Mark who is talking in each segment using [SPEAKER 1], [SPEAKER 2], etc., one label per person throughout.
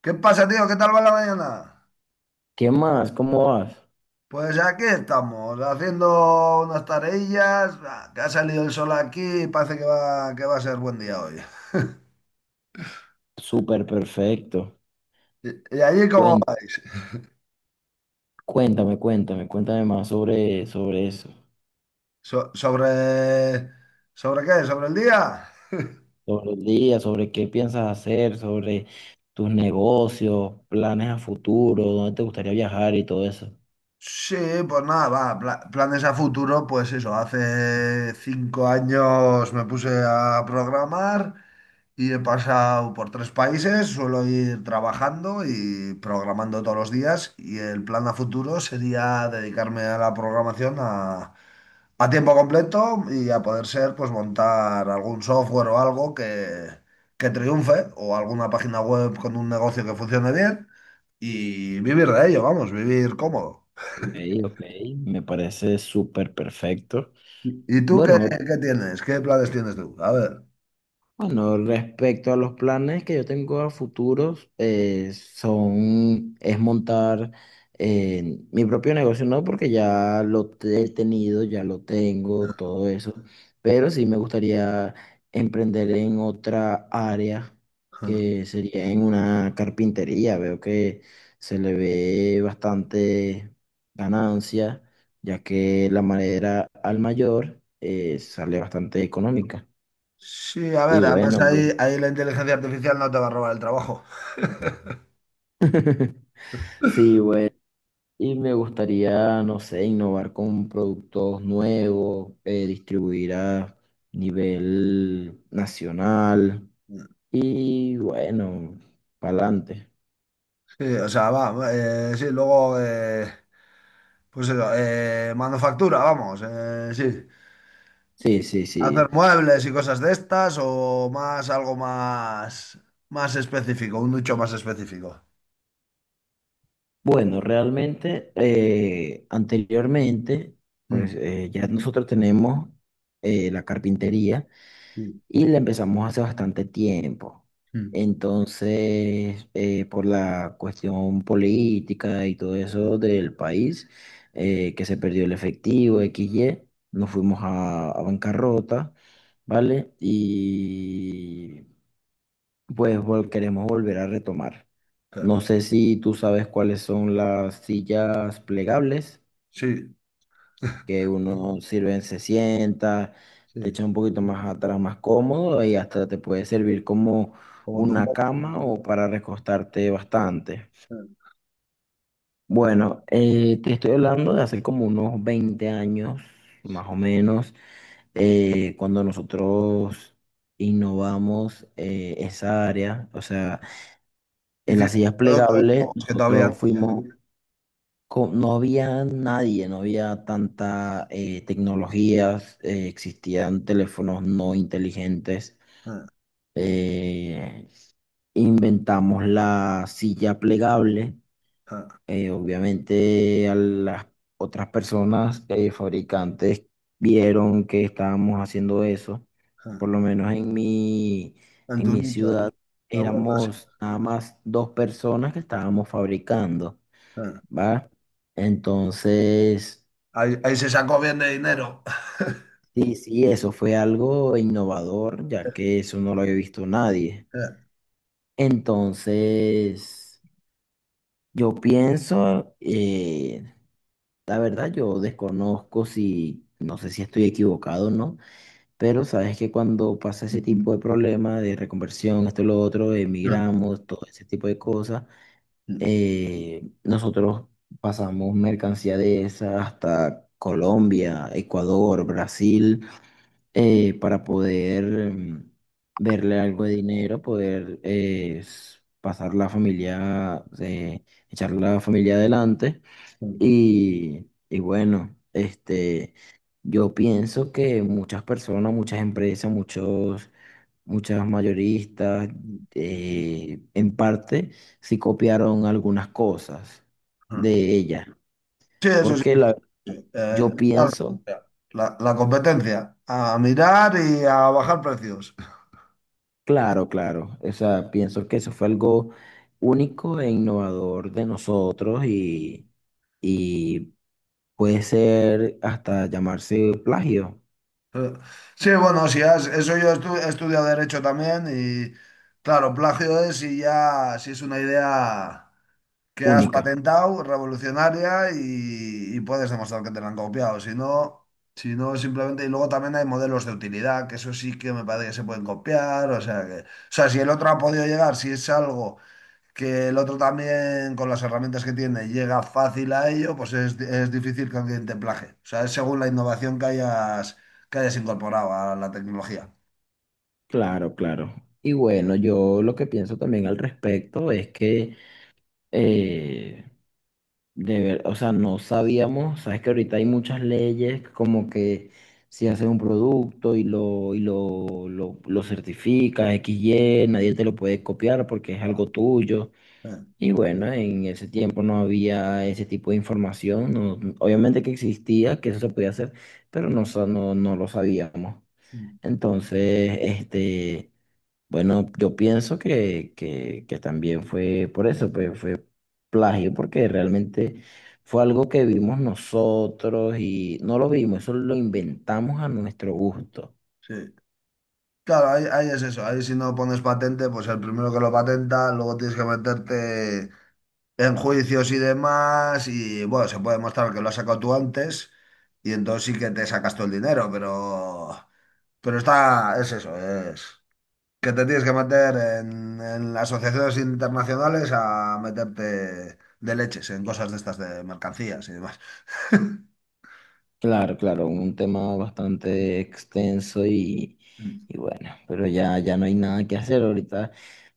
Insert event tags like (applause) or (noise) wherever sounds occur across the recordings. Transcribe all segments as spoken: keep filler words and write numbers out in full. [SPEAKER 1] ¿Qué pasa, tío? ¿Qué tal va la mañana?
[SPEAKER 2] ¿Qué más? ¿Cómo vas?
[SPEAKER 1] Pues aquí estamos, haciendo unas tareillas. Ah, que ha salido el sol aquí y parece que va, que va a ser buen día hoy.
[SPEAKER 2] Súper perfecto.
[SPEAKER 1] ¿Y, y allí cómo
[SPEAKER 2] Cuen-
[SPEAKER 1] vais?
[SPEAKER 2] Cuéntame, cuéntame, cuéntame más sobre, sobre eso,
[SPEAKER 1] So- ¿sobre, sobre qué? ¿Sobre el día?
[SPEAKER 2] sobre el día, sobre qué piensas hacer, sobre tus negocios, planes a futuro, dónde te gustaría viajar y todo eso.
[SPEAKER 1] Sí, pues nada, va, pla- planes a futuro, pues eso, hace cinco años me puse a programar. Y he pasado por tres países, suelo ir trabajando y programando todos los días, y el plan a futuro sería dedicarme a la programación a, a tiempo completo y, a poder ser, pues montar algún software o algo que, que triunfe, o alguna página web con un negocio que funcione bien y vivir de ello, vamos, vivir cómodo.
[SPEAKER 2] Ok, ok, me parece súper perfecto.
[SPEAKER 1] ¿Y tú qué,
[SPEAKER 2] Bueno,
[SPEAKER 1] qué tienes? ¿Qué planes tienes tú? A ver.
[SPEAKER 2] bueno, respecto a los planes que yo tengo a futuros, eh, son, es montar eh, mi propio negocio. No, porque ya lo te- he tenido, ya lo tengo, todo eso, pero sí me gustaría emprender en otra área, que sería en una carpintería. Veo que se le ve bastante ganancia, ya que la madera al mayor eh, sale bastante económica.
[SPEAKER 1] Sí, a
[SPEAKER 2] Y
[SPEAKER 1] ver, además
[SPEAKER 2] bueno,
[SPEAKER 1] ahí, ahí la inteligencia artificial no te va a robar el trabajo. (laughs)
[SPEAKER 2] (laughs) sí, güey. Y me gustaría, no sé, innovar con productos nuevos, eh, distribuir a nivel nacional. Y bueno, para adelante.
[SPEAKER 1] Sí, o sea, va, eh, sí, luego, eh, pues eso, eh, manufactura, vamos, eh, sí.
[SPEAKER 2] Sí, sí,
[SPEAKER 1] Hacer
[SPEAKER 2] sí.
[SPEAKER 1] muebles y cosas de estas, o más, algo más, más específico, un nicho más específico.
[SPEAKER 2] Bueno, realmente, eh, anteriormente, pues
[SPEAKER 1] Mm,
[SPEAKER 2] eh, ya nosotros tenemos eh, la carpintería.
[SPEAKER 1] sí.
[SPEAKER 2] Y la empezamos hace bastante tiempo.
[SPEAKER 1] Mm,
[SPEAKER 2] Entonces, eh, por la cuestión política y todo eso
[SPEAKER 1] sí,
[SPEAKER 2] del país, eh, que se perdió el efectivo, x y nos fuimos a, a bancarrota, ¿vale? Y pues vol- queremos volver a retomar.
[SPEAKER 1] claro.
[SPEAKER 2] No sé si tú sabes cuáles son las sillas plegables,
[SPEAKER 1] Sí,
[SPEAKER 2] que uno sirven, se sienta,
[SPEAKER 1] sí,
[SPEAKER 2] te echa un poquito más atrás, más cómodo, y hasta te puede servir como
[SPEAKER 1] como tu
[SPEAKER 2] una
[SPEAKER 1] mo-
[SPEAKER 2] cama o para recostarte bastante.
[SPEAKER 1] eh,
[SPEAKER 2] Bueno, eh, te estoy hablando de hace como unos veinte años, más o
[SPEAKER 1] sí.
[SPEAKER 2] menos, eh, cuando nosotros innovamos eh, esa área. O sea, en las
[SPEAKER 1] Hiciste
[SPEAKER 2] sillas
[SPEAKER 1] productos
[SPEAKER 2] plegables.
[SPEAKER 1] nuevos que todavía
[SPEAKER 2] nosotros fuimos co- No había nadie, no había tanta eh, tecnologías, eh, existían teléfonos no inteligentes.
[SPEAKER 1] eh,
[SPEAKER 2] eh, Inventamos la silla plegable.
[SPEAKER 1] eh,
[SPEAKER 2] Eh, obviamente a las otras personas, eh, fabricantes, vieron que estábamos haciendo eso.
[SPEAKER 1] eh,
[SPEAKER 2] Por lo menos en mi,
[SPEAKER 1] en
[SPEAKER 2] en
[SPEAKER 1] tu
[SPEAKER 2] mi
[SPEAKER 1] nicho. eh.
[SPEAKER 2] ciudad
[SPEAKER 1] Está bueno, sí.
[SPEAKER 2] éramos nada más dos personas que estábamos fabricando, ¿va? Entonces,
[SPEAKER 1] Ahí, ahí se sacó bien de dinero. (laughs)
[SPEAKER 2] sí, sí, eso fue algo innovador, ya que eso no lo había visto nadie. Entonces, yo pienso, eh, la verdad, yo desconozco si, no sé si estoy equivocado o no, pero sabes que cuando pasa ese tipo de problema de reconversión, esto y lo otro, emigramos, todo ese tipo de cosas, eh, nosotros pasamos mercancía de esa hasta Colombia, Ecuador, Brasil. Eh, para poder mm, verle algo de dinero, poder, eh, s- pasar la familia, eh, echar la familia adelante. Y, y bueno, este, yo pienso que muchas personas, muchas empresas, muchos, muchas mayoristas, eh, en parte, sí copiaron algunas cosas de ella.
[SPEAKER 1] Sí, eso sí.
[SPEAKER 2] Porque la,
[SPEAKER 1] Eh,
[SPEAKER 2] yo pienso.
[SPEAKER 1] la, la competencia, a mirar y a bajar precios.
[SPEAKER 2] Claro, claro. O sea, pienso que eso fue algo único e innovador de nosotros, y, y puede ser hasta llamarse plagio,
[SPEAKER 1] Sí, bueno, si has- eso yo estu- he estudiado derecho también, y claro, plagio es si ya, si es una idea que has
[SPEAKER 2] única.
[SPEAKER 1] patentado, revolucionaria, y, y puedes demostrar que te la han copiado. Si no, si no, simplemente. Y luego también hay modelos de utilidad, que eso sí que me parece que se pueden copiar. O sea que, o sea, si el otro ha podido llegar, si es algo que el otro también, con las herramientas que tiene, llega fácil a ello, pues es, es difícil que alguien te plagie. O sea, es según la innovación que hayas, que hayas incorporado a la tecnología.
[SPEAKER 2] Claro, claro. Y bueno, yo lo que pienso también al respecto es que, eh, de ver, o sea, no sabíamos. Sabes que ahorita hay muchas leyes, como que si haces un producto y lo, y lo, lo, lo certificas, X Y nadie te lo puede copiar porque es
[SPEAKER 1] Ya.
[SPEAKER 2] algo tuyo.
[SPEAKER 1] Eh,
[SPEAKER 2] Y bueno, en ese tiempo no había ese tipo de información. No- obviamente que existía, que eso se podía hacer, pero no, sa- no, no lo sabíamos.
[SPEAKER 1] mm,
[SPEAKER 2] Entonces, este, bueno, yo pienso que, que, que, también fue por eso, pues fue plagio, porque realmente fue algo que vimos nosotros y no lo vimos, eso lo inventamos a nuestro gusto.
[SPEAKER 1] sí. Claro, ahí, ahí es eso. Ahí, si no pones patente, pues el primero que lo patenta, luego tienes que meterte en juicios y demás. Y bueno, se puede demostrar que lo has sacado tú antes, y entonces sí que te sacas todo el dinero, pero pero está, es eso, es que te tienes que meter en en las asociaciones internacionales a meterte de leches en cosas de estas de mercancías y demás. (laughs)
[SPEAKER 2] Claro, claro, un tema bastante extenso, y, y bueno, pero ya, ya no hay nada que hacer. Ahorita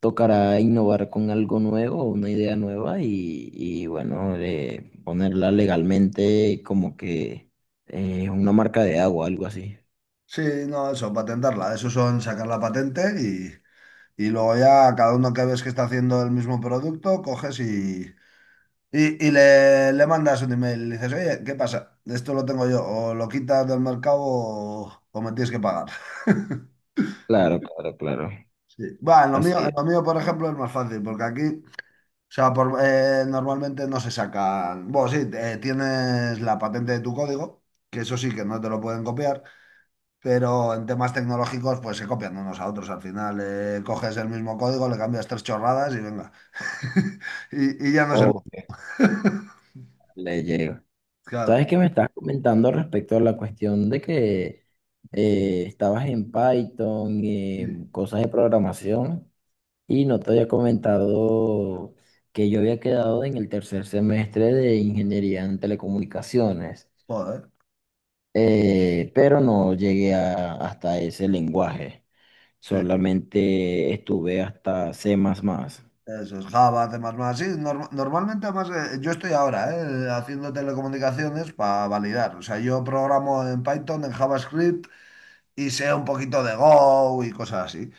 [SPEAKER 2] tocará innovar con algo nuevo, una idea nueva, y, y bueno, eh, ponerla legalmente, como que eh, una marca de agua, algo así.
[SPEAKER 1] Sí, no, eso, patentarla. Eso son sacar la patente. Y luego ya cada uno que ves que está haciendo el mismo producto, coges y, y, y le, le mandas un email. Y le dices: oye, ¿qué pasa? Esto lo tengo yo. O lo quitas del mercado, o, o me tienes que pagar. (laughs)
[SPEAKER 2] Claro, claro, claro.
[SPEAKER 1] Sí. Va, en lo mío,
[SPEAKER 2] Así
[SPEAKER 1] en
[SPEAKER 2] es.
[SPEAKER 1] lo mío, por ejemplo, es más fácil, porque aquí, o sea, por- eh, normalmente no se sacan. Bueno, sí, eh, tienes la patente de tu código, que eso sí que no te lo pueden copiar. Pero en temas tecnológicos, pues se copian unos a otros. Al final, eh, coges el mismo código, le cambias tres chorradas y venga. (laughs) Y, y ya no se... (laughs)
[SPEAKER 2] O que le llega.
[SPEAKER 1] Claro.
[SPEAKER 2] ¿Sabes qué me estás comentando respecto a la cuestión de que eh, estabas en Python y
[SPEAKER 1] Sí.
[SPEAKER 2] en cosas de programación? Y no te había comentado que yo había quedado en el tercer semestre de ingeniería en telecomunicaciones,
[SPEAKER 1] Joder.
[SPEAKER 2] eh, pero no llegué a- hasta ese lenguaje,
[SPEAKER 1] Sí.
[SPEAKER 2] solamente estuve hasta C++.
[SPEAKER 1] Eso es Java, temas más. Sí, norm- normalmente. Además, eh, yo estoy ahora eh, haciendo telecomunicaciones para validar. O sea, yo programo en Python, en JavaScript, y sé un poquito de Go y cosas así.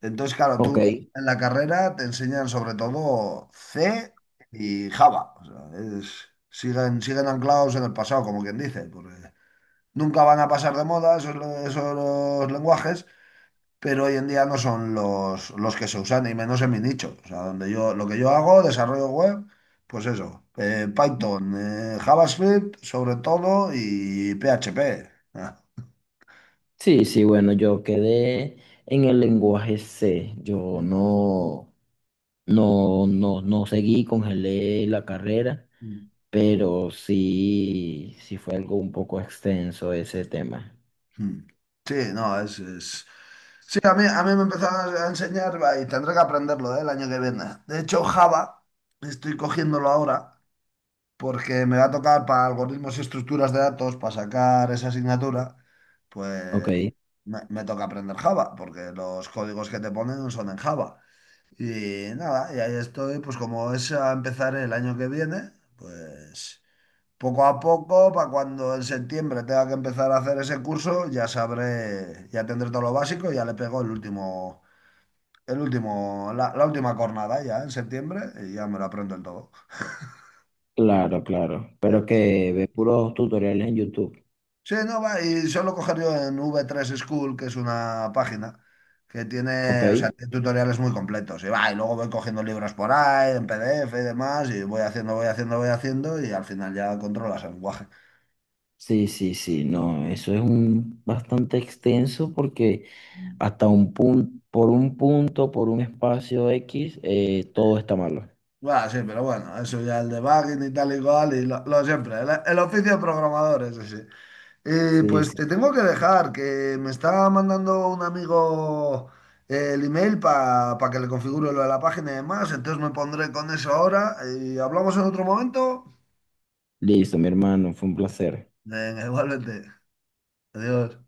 [SPEAKER 1] Entonces, claro,
[SPEAKER 2] Ok,
[SPEAKER 1] tú en la carrera te enseñan sobre todo C y Java. O sea, es- siguen, siguen anclados en el pasado, como quien dice, porque nunca van a pasar de moda esos, esos los lenguajes, pero hoy en día no son los, los que se usan, y menos en mi nicho. O sea, donde yo, lo que yo hago, desarrollo web, pues eso, eh, Python, eh, JavaScript sobre todo, y P H P. Ah.
[SPEAKER 2] sí, sí, bueno, yo quedé en el lenguaje C, yo no, no, no, no seguí, congelé la carrera, pero sí, sí fue algo un poco extenso ese tema.
[SPEAKER 1] Mm. Sí, no, es, es- sí. A mí, a mí me empezaron a enseñar, va, y tendré que aprenderlo, eh, el año que viene. De hecho, Java estoy cogiéndolo ahora porque me va a tocar para algoritmos y estructuras de datos. Para sacar esa asignatura,
[SPEAKER 2] Ok.
[SPEAKER 1] pues me, me toca aprender Java, porque los códigos que te ponen no son en Java. Y nada, y ahí estoy, pues como es a empezar el año que viene, pues... Poco a poco, para cuando en septiembre tenga que empezar a hacer ese curso, ya sabré, ya tendré todo lo básico, ya le pego el último, el último, la, la última cornada ya en septiembre, y ya me lo aprendo el todo.
[SPEAKER 2] Claro, claro. Pero
[SPEAKER 1] Eh,
[SPEAKER 2] que ve puros tutoriales en YouTube.
[SPEAKER 1] Sí, no va, y solo coger yo en v tres School, que es una página que
[SPEAKER 2] ¿Ok?
[SPEAKER 1] tiene, o sea, tiene tutoriales muy completos. Y va, y luego voy cogiendo libros por ahí, en P D F y demás, y voy haciendo, voy haciendo, voy haciendo, y al final ya controlas el lenguaje.
[SPEAKER 2] Sí, sí, sí. No, eso es un bastante extenso porque hasta un punto, por un punto, por un espacio X, eh, todo está malo.
[SPEAKER 1] Bueno, sí, pero bueno, eso ya el debugging y tal y cual, y lo, lo siempre, el, el oficio de programador, eso sí. Y
[SPEAKER 2] Sí,
[SPEAKER 1] pues te
[SPEAKER 2] sí.
[SPEAKER 1] tengo que dejar, que me está mandando un amigo eh, el email para que le configure lo de la página y demás, entonces me pondré con eso ahora y hablamos en otro momento.
[SPEAKER 2] Listo, mi hermano. Fue un placer.
[SPEAKER 1] Venga, igualmente. Adiós.